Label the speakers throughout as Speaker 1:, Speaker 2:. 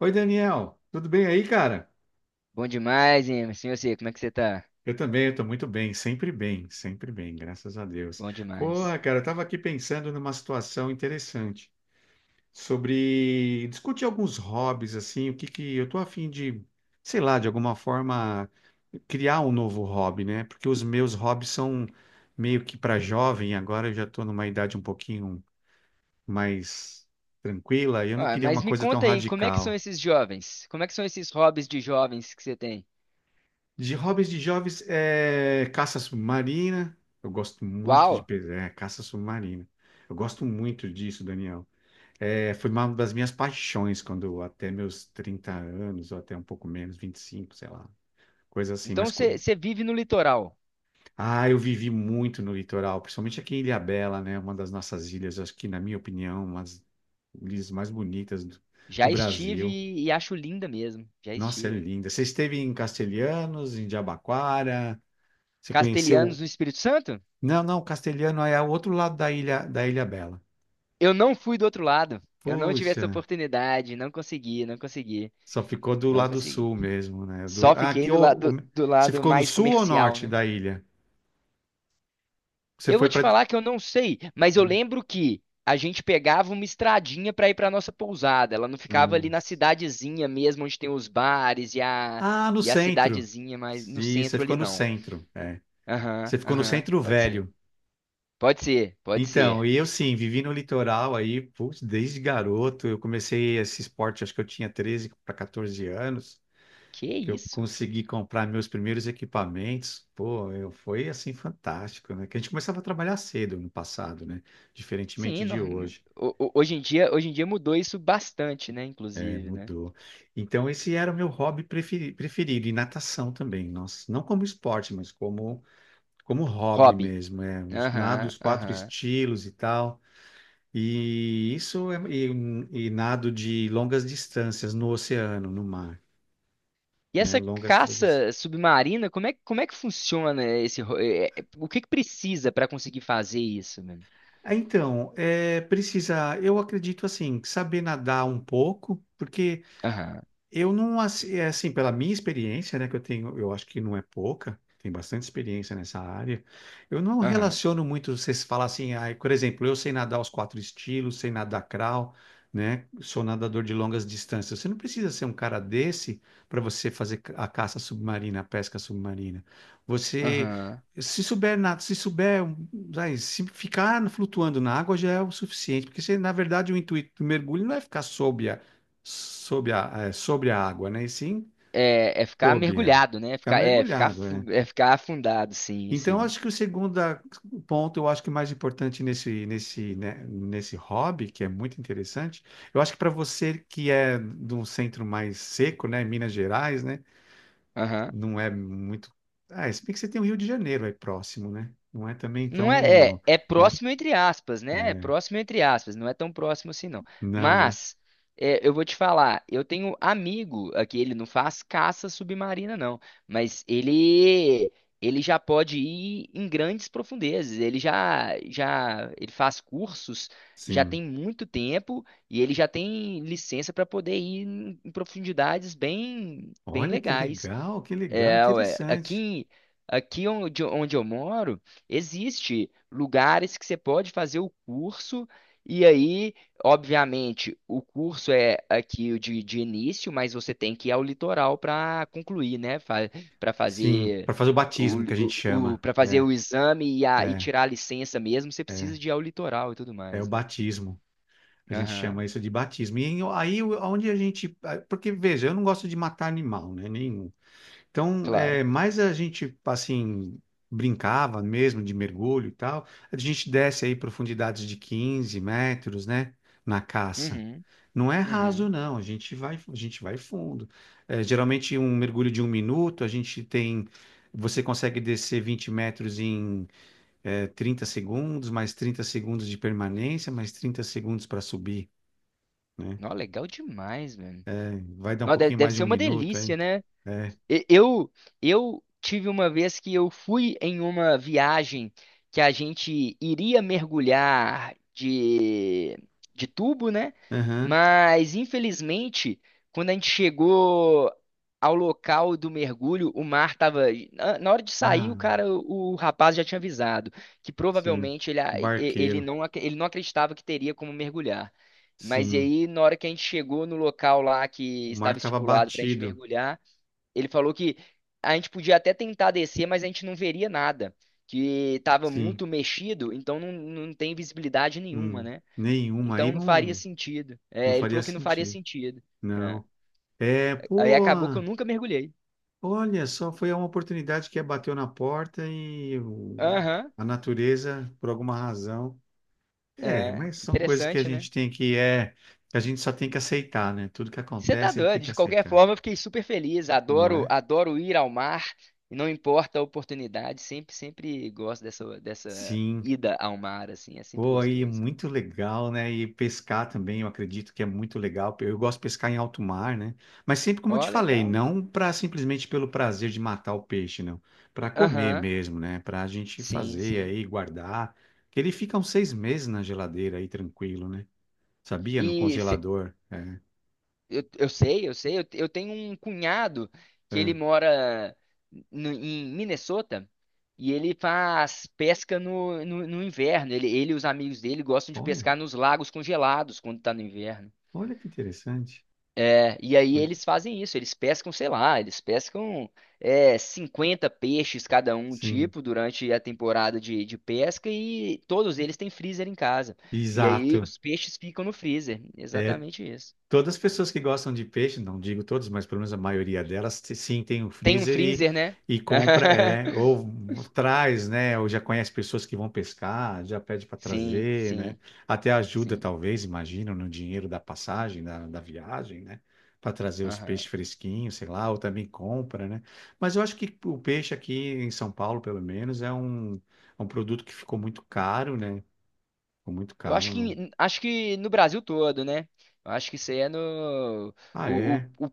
Speaker 1: Oi, Daniel, tudo bem aí, cara?
Speaker 2: Bom demais, Emerson. E você, como é que você tá?
Speaker 1: Eu também, eu tô muito bem, sempre bem, sempre bem, graças a Deus.
Speaker 2: Bom
Speaker 1: Porra,
Speaker 2: demais.
Speaker 1: cara, eu tava aqui pensando numa situação interessante sobre discutir alguns hobbies, assim, o que que eu tô a fim de, sei lá, de alguma forma criar um novo hobby, né? Porque os meus hobbies são meio que para jovem, agora eu já tô numa idade um pouquinho mais tranquila e eu não
Speaker 2: Ah,
Speaker 1: queria uma
Speaker 2: mas me
Speaker 1: coisa tão
Speaker 2: conta aí, como é que são
Speaker 1: radical.
Speaker 2: esses jovens? Como é que são esses hobbies de jovens que você tem?
Speaker 1: De hobbies de jovens é caça submarina. Eu gosto muito
Speaker 2: Uau!
Speaker 1: de caça submarina. Eu gosto muito disso, Daniel. É, foi uma das minhas paixões até meus 30 anos, ou até um pouco menos, 25 sei lá, coisa assim.
Speaker 2: Então você vive no litoral.
Speaker 1: Ah, eu vivi muito no litoral, principalmente aqui em Ilhabela, né? Uma das nossas ilhas, acho que, na minha opinião, uma das ilhas mais bonitas do
Speaker 2: Já
Speaker 1: Brasil.
Speaker 2: estive e acho linda mesmo. Já
Speaker 1: Nossa, é
Speaker 2: estive.
Speaker 1: linda. Você esteve em Castelhanos, em Jabaquara? Você
Speaker 2: Castelhanos
Speaker 1: conheceu.
Speaker 2: no Espírito Santo?
Speaker 1: Não, não, Castelhano é o outro lado da Ilha Bela.
Speaker 2: Eu não fui do outro lado. Eu não tive
Speaker 1: Puxa,
Speaker 2: essa oportunidade. Não consegui, não consegui,
Speaker 1: só ficou do
Speaker 2: não
Speaker 1: lado
Speaker 2: consegui.
Speaker 1: sul mesmo, né? Do,
Speaker 2: Só
Speaker 1: ah,
Speaker 2: fiquei do
Speaker 1: você
Speaker 2: lado
Speaker 1: ficou no
Speaker 2: mais
Speaker 1: sul ou
Speaker 2: comercial,
Speaker 1: norte
Speaker 2: né?
Speaker 1: da ilha? Você
Speaker 2: Eu
Speaker 1: foi
Speaker 2: vou te
Speaker 1: para.
Speaker 2: falar que eu não sei, mas eu lembro que a gente pegava uma estradinha para ir para nossa pousada. Ela não ficava ali na
Speaker 1: Nossa.
Speaker 2: cidadezinha mesmo, onde tem os bares e a,
Speaker 1: Ah, no
Speaker 2: e a
Speaker 1: centro.
Speaker 2: cidadezinha, mas no
Speaker 1: Sim, você
Speaker 2: centro ali
Speaker 1: ficou no
Speaker 2: não.
Speaker 1: centro. É.
Speaker 2: Aham,
Speaker 1: Você ficou no
Speaker 2: aham,
Speaker 1: centro
Speaker 2: pode ser.
Speaker 1: velho.
Speaker 2: Pode ser, pode
Speaker 1: Então,
Speaker 2: ser.
Speaker 1: e eu sim, vivi no litoral aí, putz, desde garoto. Eu comecei esse esporte, acho que eu tinha 13 para 14 anos.
Speaker 2: Que
Speaker 1: Que eu
Speaker 2: isso?
Speaker 1: consegui comprar meus primeiros equipamentos, pô, eu, foi assim fantástico, né? Que a gente começava a trabalhar cedo no passado, né? Diferentemente
Speaker 2: Sim,
Speaker 1: de
Speaker 2: nor-
Speaker 1: hoje,
Speaker 2: hoje em dia, hoje em dia mudou isso bastante, né?
Speaker 1: né?
Speaker 2: Inclusive, né?
Speaker 1: Mudou. Então, esse era o meu hobby preferido, e natação também, nossa, não como esporte, mas como, como hobby
Speaker 2: Hobby.
Speaker 1: mesmo, é, os, nado
Speaker 2: Aham,
Speaker 1: os quatro
Speaker 2: aham.
Speaker 1: estilos e tal. E isso é, e nado de longas distâncias no oceano, no mar,
Speaker 2: E
Speaker 1: né?
Speaker 2: essa
Speaker 1: Longas travessias.
Speaker 2: caça submarina, como é que funciona esse. Ro- é, é, o que que precisa para conseguir fazer isso, mano?
Speaker 1: Ah, então, é, precisa, eu acredito assim, saber nadar um pouco, porque
Speaker 2: Aham,
Speaker 1: eu não, assi- é assim, pela minha experiência, né, que eu tenho, eu acho que não é pouca, tem bastante experiência nessa área. Eu não
Speaker 2: aham,
Speaker 1: relaciono muito, você se fala assim, ah, por exemplo, eu sei nadar os quatro estilos, sei nadar crawl, né, sou nadador de longas distâncias. Você não precisa ser um cara desse para você fazer a caça submarina, a pesca submarina. Você,
Speaker 2: aham.
Speaker 1: se souber nadar, se souber, ai, se ficar flutuando na água já é o suficiente, porque você, na verdade, o intuito do mergulho não é ficar sob. Sob a, é, sobre a água, né? E sim,
Speaker 2: É, é ficar
Speaker 1: sob, é.
Speaker 2: mergulhado, né? É
Speaker 1: Ficar
Speaker 2: ficar, ficar,
Speaker 1: mergulhado, é.
Speaker 2: é ficar afundado, sim,
Speaker 1: Então,
Speaker 2: sim.
Speaker 1: acho que o ponto, eu acho que mais importante nesse, nesse, né, nesse hobby, que é muito interessante, eu acho que para você que é de um centro mais seco, né, Minas Gerais, né, não é muito. Ah, se bem que você tem o Rio de Janeiro aí próximo, né? Não é também
Speaker 2: Não é,
Speaker 1: tão,
Speaker 2: é, é
Speaker 1: né?
Speaker 2: próximo entre aspas, né? É
Speaker 1: É,
Speaker 2: próximo entre aspas, não é tão próximo assim, não.
Speaker 1: não, né?
Speaker 2: Mas, é, eu vou te falar, eu tenho amigo aqui, ele não faz caça submarina, não, mas ele já pode ir em grandes profundezas, ele já, já ele faz cursos, já
Speaker 1: Sim.
Speaker 2: tem muito tempo e ele já tem licença para poder ir em profundidades bem, bem
Speaker 1: Olha
Speaker 2: legais.
Speaker 1: que legal,
Speaker 2: É, ué.
Speaker 1: interessante.
Speaker 2: Aqui, aqui onde, onde eu moro, existe lugares que você pode fazer o curso, e aí, obviamente, o curso é aqui o de início, mas você tem que ir ao litoral para concluir, né? Fa Para
Speaker 1: Sim,
Speaker 2: fazer
Speaker 1: para fazer o
Speaker 2: o,
Speaker 1: batismo que a gente chama.
Speaker 2: para fazer o exame e, a, e tirar a licença mesmo, você precisa
Speaker 1: É.
Speaker 2: de ir ao litoral e tudo
Speaker 1: É o
Speaker 2: mais, né?
Speaker 1: batismo. A gente
Speaker 2: Aham,
Speaker 1: chama isso de batismo. E aí, onde a gente. Porque, veja, eu não gosto de matar animal, né? Nenhum. Então,
Speaker 2: claro.
Speaker 1: é, mais a gente, assim, brincava mesmo de mergulho e tal. A gente desce aí profundidades de 15 metros, né? Na caça.
Speaker 2: Uhum,
Speaker 1: Não é raso,
Speaker 2: uhum.
Speaker 1: não. A gente vai fundo. É, geralmente, um mergulho de um minuto, a gente tem. Você consegue descer 20 metros em 30 segundos, mais 30 segundos de permanência, mais 30 segundos para subir, né?
Speaker 2: Nó, legal demais, velho.
Speaker 1: É, vai dar um
Speaker 2: Nó,
Speaker 1: pouquinho
Speaker 2: deve
Speaker 1: mais de
Speaker 2: ser
Speaker 1: um
Speaker 2: uma
Speaker 1: minuto aí.
Speaker 2: delícia, né?
Speaker 1: É.
Speaker 2: E- Eu, eu tive uma vez que eu fui em uma viagem que a gente iria mergulhar de tubo, né?
Speaker 1: Aham.
Speaker 2: Mas, infelizmente, quando a gente chegou ao local do mergulho, o mar estava. Na hora de sair, o
Speaker 1: Ah,
Speaker 2: cara, o rapaz já tinha avisado que
Speaker 1: sim.
Speaker 2: provavelmente ele,
Speaker 1: O
Speaker 2: ele
Speaker 1: barqueiro.
Speaker 2: não, ele não acreditava que teria como mergulhar. Mas e
Speaker 1: Sim.
Speaker 2: aí, na hora que a gente chegou no local lá que
Speaker 1: O mar
Speaker 2: estava
Speaker 1: estava
Speaker 2: estipulado para a gente
Speaker 1: batido.
Speaker 2: mergulhar, ele falou que a gente podia até tentar descer, mas a gente não veria nada, que estava
Speaker 1: Sim.
Speaker 2: muito mexido, então não, não tem visibilidade nenhuma,
Speaker 1: Hum.
Speaker 2: né?
Speaker 1: Nenhuma aí
Speaker 2: Então não faria
Speaker 1: não,
Speaker 2: sentido.
Speaker 1: não
Speaker 2: É, ele
Speaker 1: faria
Speaker 2: falou que não faria
Speaker 1: sentido.
Speaker 2: sentido. É.
Speaker 1: Não. É,
Speaker 2: Aí
Speaker 1: pô,
Speaker 2: acabou que eu nunca mergulhei.
Speaker 1: olha só, foi uma oportunidade que é, bateu na porta
Speaker 2: Aham,
Speaker 1: a natureza, por alguma razão, é,
Speaker 2: é,
Speaker 1: mas são coisas que a
Speaker 2: interessante, né?
Speaker 1: gente tem que é, que a gente só tem que aceitar, né? Tudo que
Speaker 2: Você tá
Speaker 1: acontece a gente tem
Speaker 2: doido.
Speaker 1: que
Speaker 2: De qualquer
Speaker 1: aceitar,
Speaker 2: forma, eu fiquei super feliz.
Speaker 1: não
Speaker 2: Adoro,
Speaker 1: é?
Speaker 2: adoro ir ao mar. E não importa a oportunidade, sempre, sempre gosto dessa, dessa
Speaker 1: Sim.
Speaker 2: ida ao mar, assim, é sempre
Speaker 1: Pô, aí é
Speaker 2: gostoso.
Speaker 1: muito legal, né? E pescar também, eu acredito que é muito legal. Eu gosto de pescar em alto mar, né? Mas sempre como eu
Speaker 2: Ó,
Speaker 1: te falei,
Speaker 2: legal.
Speaker 1: não para simplesmente pelo prazer de matar o peixe, não. Para comer
Speaker 2: Aham,
Speaker 1: mesmo, né? Para a gente
Speaker 2: sim,
Speaker 1: fazer
Speaker 2: sim.
Speaker 1: aí, guardar. Que ele fica uns seis meses na geladeira aí, tranquilo, né? Sabia? No
Speaker 2: E se-
Speaker 1: congelador. É.
Speaker 2: eu sei, eu sei, eu tenho um cunhado que ele
Speaker 1: É.
Speaker 2: mora em Minnesota e ele faz pesca no inverno. Ele e os amigos dele gostam de
Speaker 1: Olha,
Speaker 2: pescar nos lagos congelados quando tá no inverno.
Speaker 1: olha que interessante.
Speaker 2: É, e aí eles fazem isso, eles pescam, sei lá, eles pescam 50 peixes cada um
Speaker 1: Sim,
Speaker 2: tipo durante a temporada de pesca e todos eles têm freezer em casa. E aí
Speaker 1: exato.
Speaker 2: os peixes ficam no freezer.
Speaker 1: É,
Speaker 2: Exatamente isso.
Speaker 1: todas as pessoas que gostam de peixe, não digo todas, mas pelo menos a maioria delas, sim, tem um
Speaker 2: Tem um
Speaker 1: freezer
Speaker 2: freezer, né?
Speaker 1: e compra, é, ou traz, né? Ou já conhece pessoas que vão pescar, já pede para
Speaker 2: Sim,
Speaker 1: trazer, né?
Speaker 2: sim,
Speaker 1: Até ajuda,
Speaker 2: sim.
Speaker 1: talvez, imagino, no dinheiro da passagem, da viagem, né? Para trazer os
Speaker 2: Aham.
Speaker 1: peixes fresquinhos, sei lá, ou também compra, né? Mas eu acho que o peixe aqui em São Paulo, pelo menos, é um produto que ficou muito caro, né? Ficou muito
Speaker 2: Eu acho
Speaker 1: caro.
Speaker 2: que,
Speaker 1: Não.
Speaker 2: acho que no Brasil todo, né? Eu acho que isso aí é no.
Speaker 1: Ah,
Speaker 2: O,
Speaker 1: é?
Speaker 2: o, o,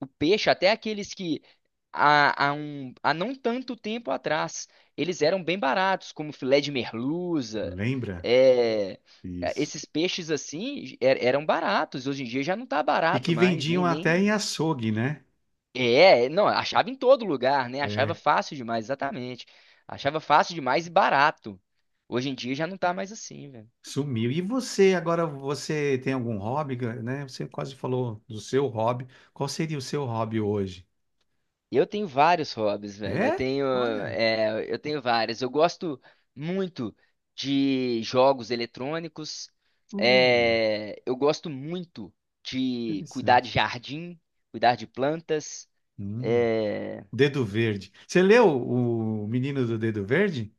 Speaker 2: o peixe, até aqueles que há não tanto tempo atrás, eles eram bem baratos, como filé de merluza.
Speaker 1: Lembra?
Speaker 2: É, é,
Speaker 1: Isso.
Speaker 2: esses peixes assim eram baratos. Hoje em dia já não tá
Speaker 1: E
Speaker 2: barato
Speaker 1: que
Speaker 2: mais, nem,
Speaker 1: vendiam até em
Speaker 2: nem
Speaker 1: açougue, né?
Speaker 2: É, não, achava em todo lugar, né? Achava
Speaker 1: É,
Speaker 2: fácil demais, exatamente. Achava fácil demais e barato. Hoje em dia já não tá mais assim, velho.
Speaker 1: sumiu. E você, agora você tem algum hobby, né? Você quase falou do seu hobby. Qual seria o seu hobby hoje?
Speaker 2: Eu tenho vários hobbies, velho. Eu
Speaker 1: É?
Speaker 2: tenho,
Speaker 1: Olha,
Speaker 2: é, eu tenho vários. Eu gosto muito de jogos eletrônicos.
Speaker 1: hum,
Speaker 2: É, eu gosto muito de cuidar de
Speaker 1: interessante.
Speaker 2: jardim, cuidar de plantas.
Speaker 1: Hum,
Speaker 2: É,
Speaker 1: Dedo Verde. Você leu O Menino do Dedo Verde?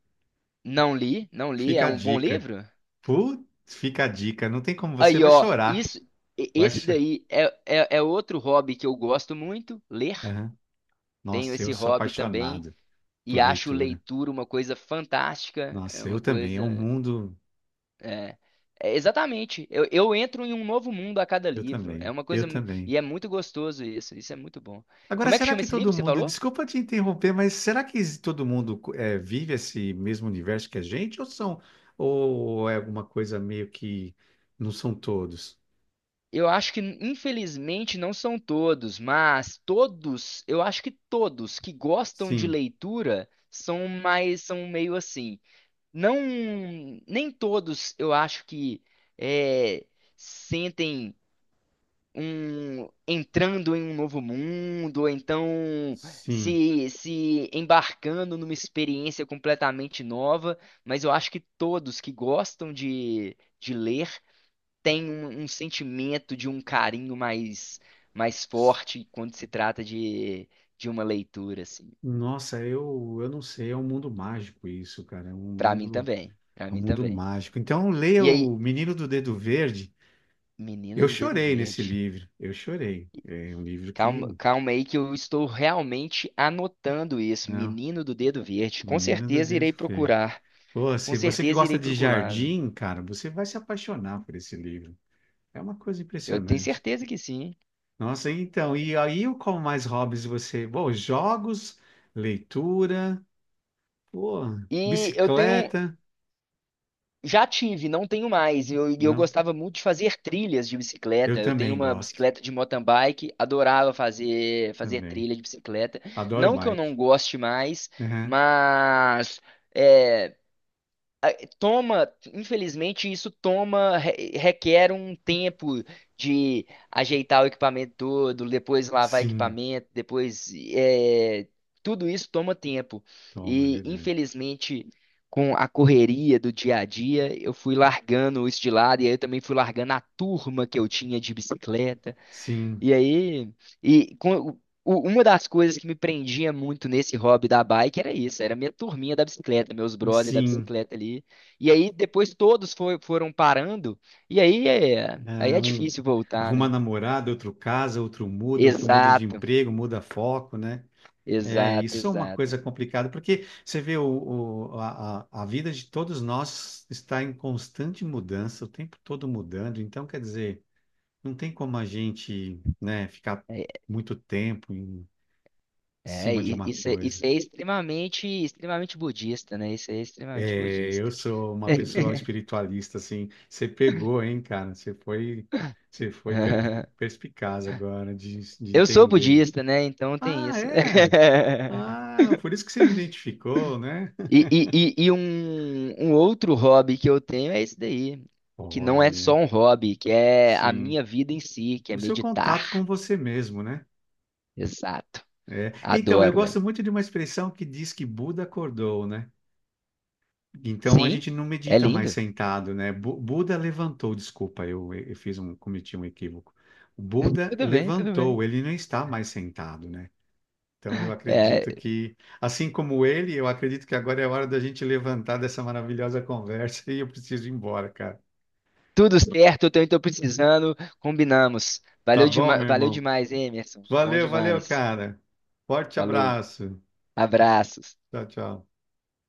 Speaker 2: não li, não li. É
Speaker 1: Fica a
Speaker 2: um bom
Speaker 1: dica.
Speaker 2: livro?
Speaker 1: Putz, fica a dica. Não tem como, você
Speaker 2: Aí,
Speaker 1: vai
Speaker 2: ó,
Speaker 1: chorar.
Speaker 2: isso,
Speaker 1: Vai
Speaker 2: esse
Speaker 1: cho-
Speaker 2: daí é, é, é outro hobby que eu gosto muito, ler.
Speaker 1: Aham.
Speaker 2: Tenho
Speaker 1: Nossa, eu
Speaker 2: esse
Speaker 1: sou
Speaker 2: hobby também
Speaker 1: apaixonado
Speaker 2: e
Speaker 1: por
Speaker 2: acho
Speaker 1: leitura.
Speaker 2: leitura uma coisa fantástica, é
Speaker 1: Nossa,
Speaker 2: uma
Speaker 1: eu também. É um
Speaker 2: coisa,
Speaker 1: mundo.
Speaker 2: é, é exatamente. Eu entro em um novo mundo a cada
Speaker 1: Eu
Speaker 2: livro. É
Speaker 1: também,
Speaker 2: uma
Speaker 1: eu
Speaker 2: coisa mu-
Speaker 1: também.
Speaker 2: e é muito gostoso isso. Isso é muito bom.
Speaker 1: Agora,
Speaker 2: Como é que
Speaker 1: será
Speaker 2: chama
Speaker 1: que
Speaker 2: esse livro
Speaker 1: todo
Speaker 2: que você
Speaker 1: mundo,
Speaker 2: falou?
Speaker 1: desculpa te interromper, mas será que todo mundo vive esse mesmo universo que a gente, ou são, ou é alguma coisa meio que não são todos?
Speaker 2: Eu acho que infelizmente não são todos, mas todos, eu acho que todos que gostam de
Speaker 1: Sim,
Speaker 2: leitura são mais, são meio assim. Não, nem todos eu acho que é, sentem um entrando em um novo mundo ou então
Speaker 1: sim.
Speaker 2: se embarcando numa experiência completamente nova, mas eu acho que todos que gostam de ler têm um, um sentimento de um carinho mais, mais forte quando se trata de uma leitura assim.
Speaker 1: Nossa, eu não sei, é um mundo mágico isso, cara,
Speaker 2: Para mim também, para
Speaker 1: é um
Speaker 2: mim
Speaker 1: mundo
Speaker 2: também.
Speaker 1: mágico. Então, leia
Speaker 2: E aí
Speaker 1: O Menino do Dedo Verde.
Speaker 2: Menina
Speaker 1: Eu
Speaker 2: do Dedo
Speaker 1: chorei nesse
Speaker 2: Verde.
Speaker 1: livro, eu chorei. É um livro que,
Speaker 2: Calma, calma aí que eu estou realmente anotando isso.
Speaker 1: não,
Speaker 2: Menino do Dedo Verde. Com
Speaker 1: Menino do
Speaker 2: certeza
Speaker 1: Dedo
Speaker 2: irei
Speaker 1: Verde.
Speaker 2: procurar.
Speaker 1: Pô,
Speaker 2: Com
Speaker 1: se você que
Speaker 2: certeza
Speaker 1: gosta
Speaker 2: irei
Speaker 1: de
Speaker 2: procurar, velho.
Speaker 1: jardim, cara, você vai se apaixonar por esse livro. É uma coisa
Speaker 2: Eu tenho
Speaker 1: impressionante.
Speaker 2: certeza que sim.
Speaker 1: Nossa, então, e aí qual mais hobbies você? Bom, jogos, leitura, pô,
Speaker 2: E eu tenho.
Speaker 1: bicicleta,
Speaker 2: Já tive, não tenho mais. Eu, e eu
Speaker 1: não?
Speaker 2: gostava muito de fazer trilhas de
Speaker 1: Eu
Speaker 2: bicicleta. Eu tenho
Speaker 1: também
Speaker 2: uma
Speaker 1: gosto,
Speaker 2: bicicleta de mountain bike, adorava fazer, fazer
Speaker 1: também.
Speaker 2: trilha de bicicleta.
Speaker 1: Adoro
Speaker 2: Não que eu
Speaker 1: bike.
Speaker 2: não goste mais,
Speaker 1: Aham.
Speaker 2: mas. É, toma, infelizmente, isso toma, requer um tempo de ajeitar o equipamento todo, depois lavar
Speaker 1: Sim,
Speaker 2: equipamento, depois é, tudo isso toma tempo.
Speaker 1: toma, é
Speaker 2: E
Speaker 1: verdade.
Speaker 2: infelizmente, com a correria do dia a dia, eu fui largando isso de lado e aí eu também fui largando a turma que eu tinha de bicicleta.
Speaker 1: Sim,
Speaker 2: E aí, e com, uma das coisas que me prendia muito nesse hobby da bike era isso, era minha turminha da bicicleta, meus brothers da
Speaker 1: sim.
Speaker 2: bicicleta ali. E aí depois todos foram parando, e aí
Speaker 1: Ah,
Speaker 2: é
Speaker 1: um,
Speaker 2: difícil voltar,
Speaker 1: arruma
Speaker 2: né?
Speaker 1: namorada, outro casa, outro muda de
Speaker 2: Exato,
Speaker 1: emprego, muda foco, né? É,
Speaker 2: exato,
Speaker 1: isso é uma
Speaker 2: exato.
Speaker 1: coisa complicada, porque você vê o, a vida de todos nós está em constante mudança, o tempo todo mudando, então quer dizer, não tem como a gente, né, ficar
Speaker 2: É,
Speaker 1: muito tempo em
Speaker 2: é,
Speaker 1: cima de
Speaker 2: e-
Speaker 1: uma
Speaker 2: isso, é-
Speaker 1: coisa.
Speaker 2: isso é extremamente, extremamente budista, né? Isso é extremamente
Speaker 1: É, eu
Speaker 2: budista.
Speaker 1: sou uma pessoa espiritualista, assim, você pegou, hein, cara? Você foi, você foi per- perspicaz agora de
Speaker 2: Eu sou
Speaker 1: entender isso.
Speaker 2: budista, né? Então tem
Speaker 1: Ah,
Speaker 2: isso.
Speaker 1: é? Ah, por isso que você me identificou, né?
Speaker 2: E um, um outro hobby que eu tenho é esse daí, que não é
Speaker 1: Olha,
Speaker 2: só um hobby, que é a
Speaker 1: sim.
Speaker 2: minha vida em si, que é
Speaker 1: O seu contato com
Speaker 2: meditar.
Speaker 1: você mesmo, né?
Speaker 2: Exato.
Speaker 1: É. Então, eu
Speaker 2: Adoro, velho.
Speaker 1: gosto muito de uma expressão que diz que Buda acordou, né? Então a
Speaker 2: Sim,
Speaker 1: gente não
Speaker 2: é
Speaker 1: medita mais
Speaker 2: lindo.
Speaker 1: sentado, né? Buda levantou, desculpa, eu fiz um, cometi um equívoco. O Buda
Speaker 2: Tudo bem, tudo bem.
Speaker 1: levantou, ele não está mais sentado, né? Então eu acredito
Speaker 2: É,
Speaker 1: que, assim como ele, eu acredito que agora é a hora da gente levantar dessa maravilhosa conversa e eu preciso ir embora, cara.
Speaker 2: tudo certo, eu também tô precisando, combinamos.
Speaker 1: Tá
Speaker 2: Valeu,
Speaker 1: bom, meu
Speaker 2: valeu
Speaker 1: irmão?
Speaker 2: demais, hein, Emerson. Bom
Speaker 1: Valeu, valeu,
Speaker 2: demais.
Speaker 1: cara. Forte
Speaker 2: Falou,
Speaker 1: abraço.
Speaker 2: abraços.
Speaker 1: Tchau, tchau.